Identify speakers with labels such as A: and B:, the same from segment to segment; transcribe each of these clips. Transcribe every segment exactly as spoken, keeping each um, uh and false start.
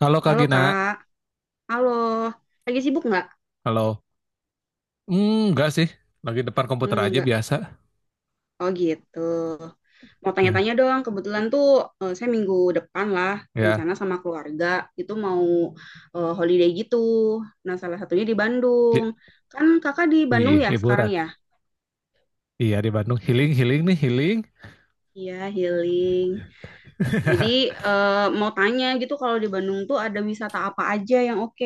A: Halo Kak
B: Halo
A: Gina,
B: Kak, halo. Lagi sibuk nggak?
A: halo. Hmm, enggak sih, lagi depan komputer
B: Hmm,
A: aja
B: nggak.
A: biasa.
B: Oh gitu. Mau
A: Ya,
B: tanya-tanya dong, kebetulan tuh eh, saya minggu depan lah
A: ya.
B: rencana sama keluarga itu mau eh, holiday gitu. Nah salah satunya di Bandung.
A: Li-
B: Kan kakak di Bandung
A: Ih,
B: ya sekarang
A: liburan.
B: ya?
A: Iya di Bandung healing healing nih healing.
B: Iya healing. Jadi eh, mau tanya gitu kalau di Bandung tuh ada wisata apa aja yang oke?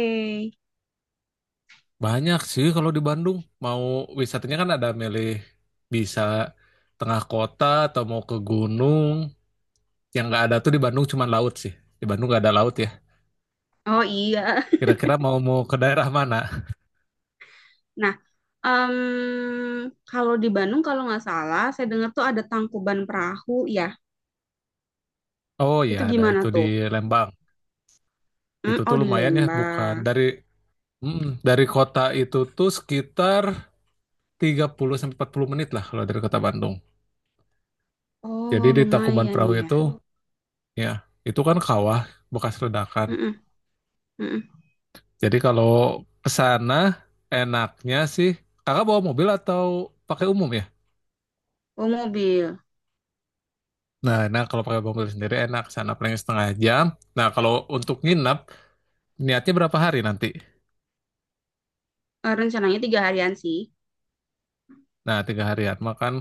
A: Banyak sih kalau di Bandung. Mau wisatanya kan ada milih bisa tengah kota atau mau ke gunung. Yang nggak ada tuh di Bandung cuma laut sih. Di Bandung nggak ada laut ya.
B: Oh iya.
A: Kira-kira mau mau ke daerah mana?
B: Nah, em, kalau di Bandung kalau nggak salah, saya dengar tuh ada Tangkuban Perahu ya.
A: Oh ya
B: Itu
A: ada
B: gimana
A: itu di
B: tuh?
A: Lembang.
B: Hmm,
A: Itu tuh
B: oh di
A: lumayan ya, bukan
B: Lembang.
A: dari mm, dari kota itu tuh sekitar tiga puluh sampai empat puluh menit lah kalau dari kota Bandung. Jadi
B: Oh
A: di Tangkuban
B: lumayan
A: Perahu
B: ya.
A: itu ya itu kan kawah bekas ledakan.
B: Mm-mm, mm-mm.
A: Jadi kalau ke sana enaknya sih kakak bawa mobil atau pakai umum ya?
B: Oh mobil.
A: Nah, nah kalau pakai mobil sendiri enak sana paling setengah jam. Nah, kalau untuk nginep niatnya berapa hari nanti?
B: Eh, rencananya tiga harian sih.
A: Nah, tiga harian. Makan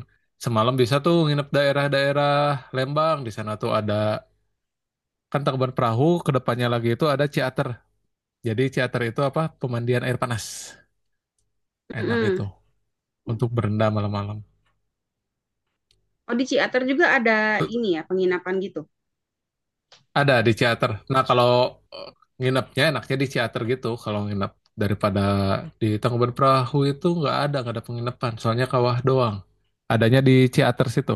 A: semalam bisa tuh nginep daerah-daerah Lembang. Di sana tuh ada kan Tangkuban Perahu, kedepannya lagi itu ada Ciater. Jadi Ciater itu apa? Pemandian air panas. Enak itu
B: Mm-mm.
A: untuk berendam malam-malam.
B: Oh di Ciater juga ada ini ya penginapan gitu.
A: Ada di Ciater. Nah, kalau eh, nginepnya enaknya di Ciater gitu. Kalau nginep daripada di Tangkuban Perahu itu nggak ada, nggak ada penginapan. Soalnya kawah doang. Adanya di Ciater situ.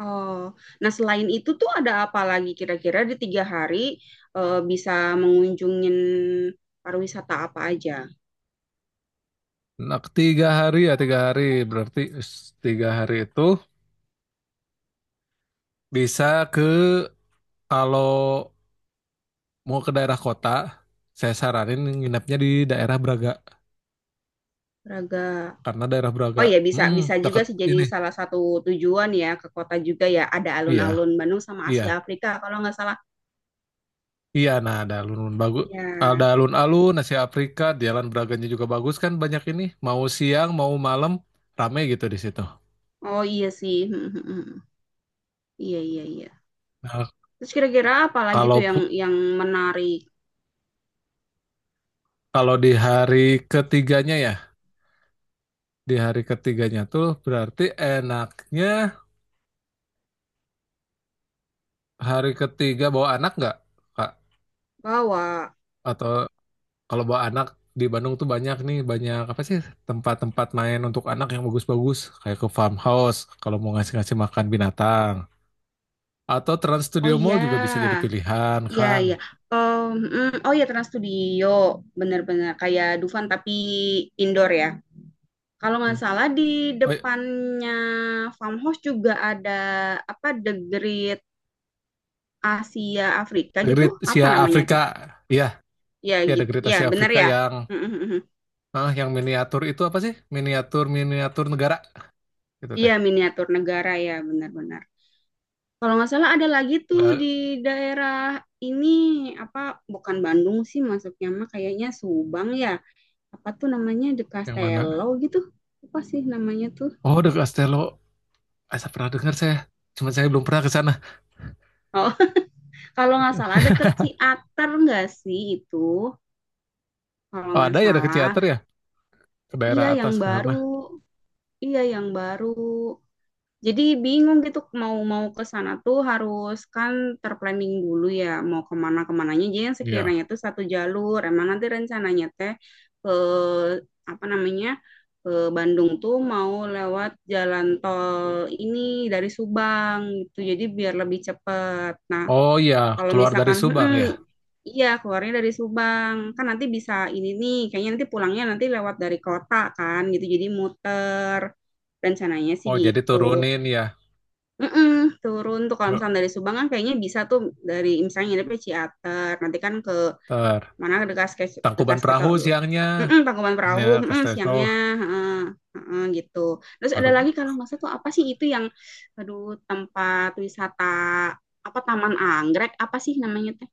B: Oh, nah selain itu tuh ada apa lagi kira-kira di tiga hari eh, bisa mengunjungin pariwisata apa aja?
A: Nah, tiga hari ya tiga hari. Berarti s- tiga hari itu bisa ke kalau mau ke daerah kota, saya saranin nginepnya di daerah Braga
B: Raga.
A: karena daerah
B: Oh
A: Braga,
B: iya, bisa
A: mm,
B: bisa
A: dekat
B: juga sih
A: ini.
B: jadi salah satu tujuan ya, ke kota juga ya ada
A: Iya,
B: alun-alun Bandung sama Asia
A: iya.
B: Afrika kalau nggak salah.
A: Iya, nah ada alun-alun bagus, ada
B: Ya,
A: alun-alun, nasi Afrika, jalan Braganya juga bagus kan banyak ini. Mau siang, mau malam, rame gitu di situ.
B: oh iya sih. Hmm, hmm, hmm, hmm. Iya iya iya.
A: Nah,
B: Terus kira-kira apa lagi
A: kalau
B: tuh yang
A: pu-
B: yang menarik
A: kalau di hari ketiganya ya, di hari ketiganya tuh berarti enaknya hari ketiga bawa anak nggak, Kak?
B: bahwa
A: Atau kalau bawa anak di Bandung tuh banyak nih, banyak apa sih tempat-tempat main untuk anak yang bagus-bagus, kayak ke farmhouse kalau mau ngasih-ngasih makan binatang. Atau Trans
B: oh
A: Studio Mall
B: iya
A: juga bisa jadi pilihan
B: iya
A: kan.
B: iya. Oh, hmm, oh ya Trans Studio bener-bener kayak Dufan tapi indoor ya. Kalau nggak
A: Hmm.
B: salah di
A: Oh, iya.
B: depannya Farmhouse juga ada apa The Great Asia Afrika
A: The
B: gitu,
A: Great
B: apa
A: Asia
B: namanya
A: Afrika.
B: tuh,
A: Iya,
B: ya
A: ya The
B: gitu
A: Great
B: ya
A: Asia
B: bener
A: Afrika
B: ya.
A: yang
B: Mm, mm, mm.
A: ah, yang miniatur itu apa sih? Miniatur miniatur negara gitu
B: Iya
A: teh.
B: miniatur negara ya, benar-benar kalau nggak salah ada lagi tuh di
A: Enggak
B: daerah ini apa, bukan Bandung sih masuknya mah kayaknya Subang ya, apa tuh namanya The
A: yang mana?
B: Castello gitu, apa sih namanya tuh.
A: Oh, The Castello. Ah, saya pernah dengar saya. Cuma saya belum pernah ke sana.
B: Oh, kalau nggak salah deket Ciater nggak sih itu, kalau
A: Oh,
B: nggak
A: ada ya ada ke
B: salah
A: teater ya? Ke daerah
B: iya yang
A: atas ke
B: baru,
A: sana.
B: iya yang baru. Jadi bingung gitu mau mau ke sana tuh harus kan terplanning dulu ya mau kemana kemananya. Jadi yang
A: Iya.
B: sekiranya tuh satu jalur. Emang nanti rencananya teh ke apa namanya, ke Bandung tuh mau lewat jalan tol ini dari Subang gitu. Jadi biar lebih cepat. Nah
A: Oh iya,
B: kalau
A: keluar dari
B: misalkan
A: Subang
B: "Mm-mm,
A: ya.
B: iya, keluarnya dari Subang. Kan nanti bisa ini nih, kayaknya nanti pulangnya nanti lewat dari kota kan gitu. Jadi muter. Rencananya sih
A: Oh, jadi
B: gitu.
A: turunin ya.
B: Mm-mm, turun tuh kalau
A: Be-
B: misalnya dari Subang kan kayaknya bisa tuh dari misalnya nginepnya Ciater nanti kan ke
A: Ter
B: mana, dekat dekat
A: Tangkuban
B: dekat ke
A: Perahu siangnya.
B: mm Tangkuban
A: Ya,
B: Perahu, mm,
A: Castello
B: siangnya. Heeh, heeh, gitu. Terus ada
A: baru.
B: lagi kalau nggak salah tuh apa sih itu yang aduh tempat wisata apa, Taman Anggrek apa sih namanya teh.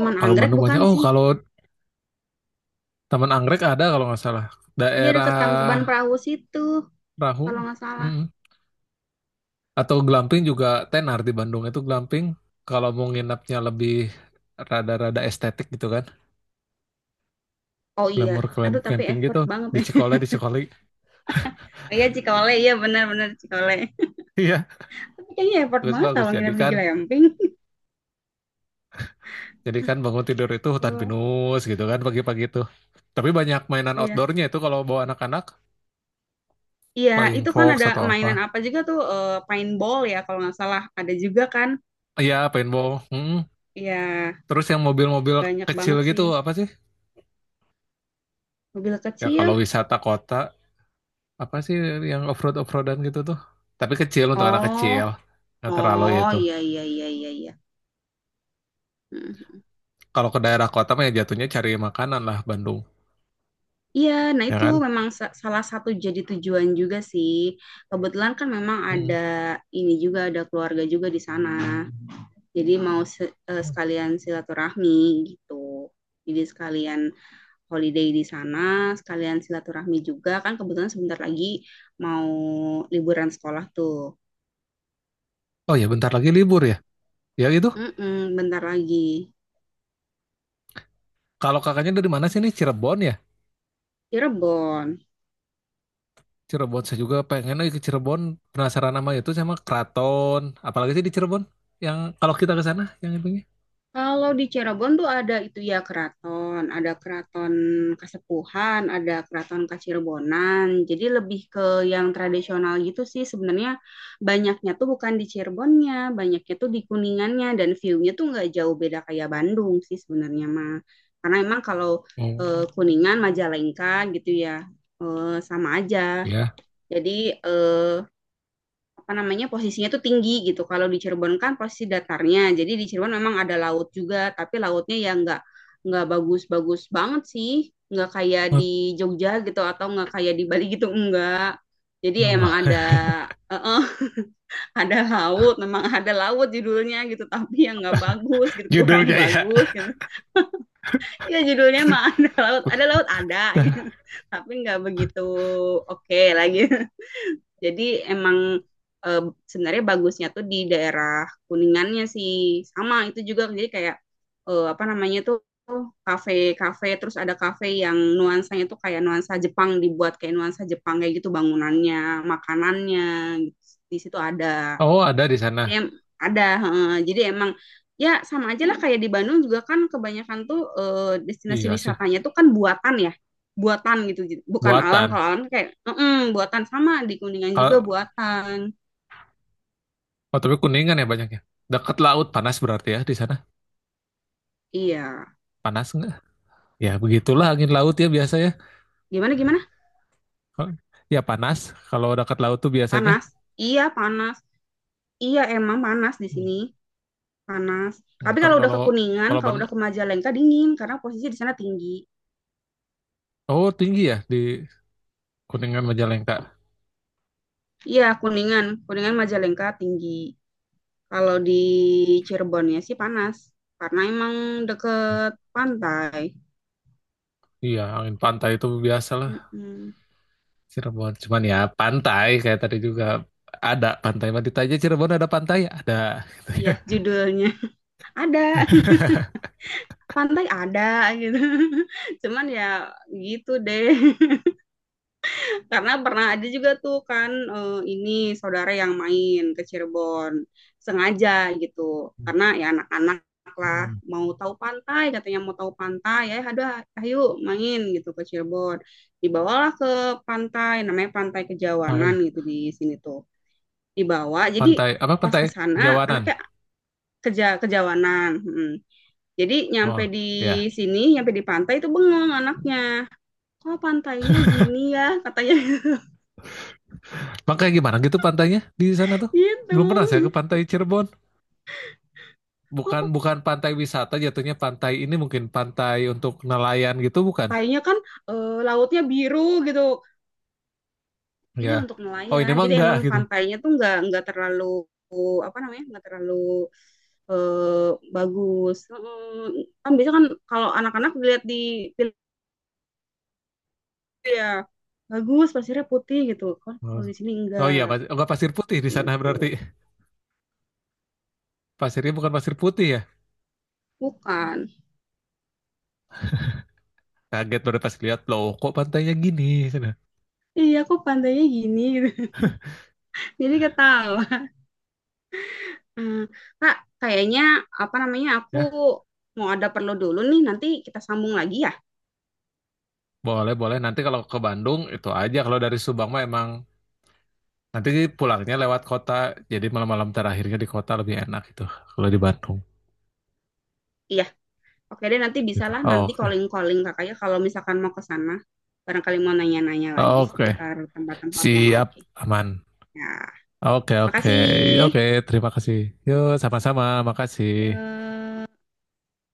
A: Oh, kalau
B: Anggrek
A: Bandung banyak.
B: bukan
A: Oh,
B: sih,
A: kalau Taman Anggrek ada kalau nggak salah.
B: iya deket Tangkuban
A: Daerah
B: Perahu situ kalau
A: Rahu
B: nggak salah.
A: Mm. Atau Glamping juga tenar di Bandung itu Glamping. Kalau mau nginapnya lebih rada-rada estetik gitu kan,
B: Oh iya,
A: glamour
B: aduh
A: clamp-
B: tapi
A: camping gitu
B: effort banget
A: di
B: ya.
A: Cikole di Cikole.
B: Oh, iya Cikole, iya benar-benar Cikole.
A: Iya,
B: Tapi kayaknya effort banget
A: bagus-bagus.
B: kalau
A: Jadi
B: nginep di
A: kan,
B: glamping.
A: jadi kan bangun tidur itu hutan
B: Oh,
A: pinus gitu kan pagi-pagi itu. Tapi banyak mainan
B: iya.
A: outdoornya itu kalau bawa anak-anak,
B: Iya,
A: flying
B: itu kan
A: fox
B: ada
A: atau
B: mainan
A: apa.
B: apa juga tuh, eh, paintball ya kalau nggak salah. Ada juga kan.
A: Iya, paintball. Mm.
B: Iya,
A: Terus yang mobil-mobil
B: banyak
A: kecil
B: banget sih.
A: gitu apa sih?
B: Mobil
A: Ya kalau
B: kecil.
A: wisata kota. Apa sih yang offroad offroadan gitu tuh? Tapi kecil untuk anak
B: Oh,
A: kecil. Nggak terlalu
B: oh
A: itu.
B: iya, iya, iya, iya, iya. Mhm.
A: Kalau ke daerah kota mah ya jatuhnya cari makanan lah Bandung,
B: Iya, nah
A: ya
B: itu
A: kan?
B: memang sa- salah satu jadi tujuan juga sih. Kebetulan kan memang ada
A: Mm-mm.
B: ini juga, ada keluarga juga di sana. Jadi mau se- eh,
A: Oh
B: sekalian silaturahmi gitu. Jadi sekalian holiday di sana, sekalian silaturahmi juga. Kan kebetulan sebentar lagi mau liburan sekolah tuh.
A: Oh ya bentar lagi libur ya. Ya itu.
B: Mm-mm, bentar lagi.
A: Kalau kakaknya dari mana sih nih? Cirebon ya?
B: Cirebon.
A: Cirebon saya juga pengen lagi ke Cirebon. Penasaran sama itu sama Keraton. Apalagi sih di Cirebon? Yang kalau kita ke sana yang itunya.
B: Kalau di Cirebon tuh ada itu ya keraton, ada keraton Kasepuhan, ada keraton Kacirebonan. Jadi lebih ke yang tradisional gitu sih, sebenarnya banyaknya tuh bukan di Cirebonnya, banyaknya tuh di Kuningannya dan view-nya tuh nggak jauh beda kayak Bandung sih sebenarnya mah. Karena emang kalau eh,
A: Hmm,
B: Kuningan, Majalengka gitu ya eh, sama aja.
A: ya.
B: Jadi eh, apa namanya posisinya tuh tinggi gitu. Kalau di Cirebon kan posisi datarnya. Jadi di Cirebon memang ada laut juga, tapi lautnya ya nggak nggak bagus-bagus banget sih. Nggak kayak di Jogja gitu atau nggak kayak di Bali gitu, enggak. Jadi ya emang
A: Oh,
B: ada eh, eh, ada laut, memang ada laut judulnya gitu, tapi yang nggak bagus gitu, kurang
A: judulnya ya.
B: bagus gitu. Ya judulnya mah ada laut, ada laut ada gitu, tapi nggak begitu oke lagi. Jadi emang eh, sebenarnya bagusnya tuh di daerah Kuningannya sih. Sama itu juga jadi kayak eh, apa namanya tuh kafe-kafe, terus ada kafe yang nuansanya tuh kayak nuansa Jepang, dibuat kayak nuansa Jepang kayak gitu bangunannya, makanannya gitu. Di situ ada.
A: Oh, ada di sana.
B: Jadi em- ada, heeh. Jadi emang ya sama aja lah kayak di Bandung juga kan kebanyakan tuh eh, destinasi
A: Iya sih.
B: wisatanya tuh kan buatan ya, buatan gitu, j- bukan alam.
A: Buatan.
B: Kalau alam kayak "Mm-mm, buatan, sama di Kuningan juga
A: Kalau
B: buatan.
A: Oh, tapi Kuningan ya banyaknya. Dekat laut panas berarti ya di sana.
B: Iya,
A: Panas nggak? Ya begitulah angin laut ya biasanya.
B: gimana gimana?
A: Kalau- Ya panas kalau dekat laut tuh biasanya.
B: Panas? Iya panas. Iya emang panas di
A: Hmm.
B: sini, panas.
A: Hmm,
B: Tapi
A: Kan
B: kalau udah
A: kalau
B: ke Kuningan,
A: kalau
B: kalau
A: ban
B: udah ke Majalengka dingin karena posisi di sana tinggi.
A: oh, tinggi ya di Kuningan Majalengka.
B: Iya Kuningan, Kuningan Majalengka tinggi. Kalau di Cirebonnya sih panas karena emang deket pantai.
A: Iya, angin pantai itu biasalah
B: Mhm.
A: Cirebon. Cuman ya pantai kayak tadi juga ada pantai. Mau ditanya Cirebon ada pantai? Ada gitu
B: Iya,
A: ya.
B: judulnya ada. Pantai ada gitu. Cuman ya gitu deh. Karena pernah ada juga tuh kan, eee, ini saudara yang main ke Cirebon, sengaja gitu.
A: Hmm.
B: Karena ya anak-anak lah
A: Hmm.
B: mau tahu pantai, katanya mau tahu pantai, "Ya ada, ayo main," gitu ke Cirebon. Dibawalah ke pantai, namanya Pantai Kejawanan
A: Hai.
B: gitu di sini tuh. Dibawa, jadi
A: Pantai apa
B: pas
A: pantai
B: ke sana
A: Jawanan?
B: anaknya Keja Kejawanan, mhm. Jadi nyampe
A: Oh,
B: di
A: ya.
B: sini, nyampe di pantai itu bengong anaknya. Kok pantainya gini ya? Katanya
A: Makanya gimana gitu pantainya di sana tuh?
B: gitu.
A: Belum pernah saya ke pantai Cirebon. Bukan
B: Kok
A: bukan pantai wisata jatuhnya pantai ini mungkin pantai untuk nelayan gitu bukan?
B: pantainya kan eh, lautnya biru gitu. Iya
A: Ya.
B: untuk
A: Oh ini
B: nelayan.
A: mah
B: Jadi
A: enggak
B: emang
A: gitu.
B: pantainya tuh nggak nggak terlalu apa namanya, nggak terlalu eh, bagus. Mm, kan biasa kan kalau anak-anak dilihat di film ya bagus, pasirnya putih gitu.
A: Oh,
B: Kalau di sini
A: Oh
B: enggak
A: iya, pas- enggak pasir putih di sana berarti.
B: gitu.
A: Pasirnya bukan pasir putih ya.
B: Bukan.
A: Kaget baru pas lihat loh kok pantainya gini sana.
B: Iya, aku pantainya gini gitu. Jadi ketawa. Hmm, Kak, kayaknya apa namanya aku
A: Ya,
B: mau ada perlu dulu nih. Nanti kita sambung lagi ya.
A: boleh boleh nanti kalau ke Bandung itu aja kalau dari Subang mah emang nanti pulangnya lewat kota. Jadi malam-malam terakhirnya di kota lebih enak itu kalau di Bandung.
B: Iya, oke deh nanti
A: Gitu.
B: bisalah nanti
A: Oke.
B: calling-calling kakaknya kalau misalkan mau ke sana. Barangkali mau nanya-nanya lagi
A: Oke.
B: seputar tempat-tempat yang
A: Siap,
B: oke.
A: aman.
B: Ya,
A: Oke, oke,
B: makasih.
A: oke. Terima kasih. Yuk sama-sama. Makasih.
B: Yuk.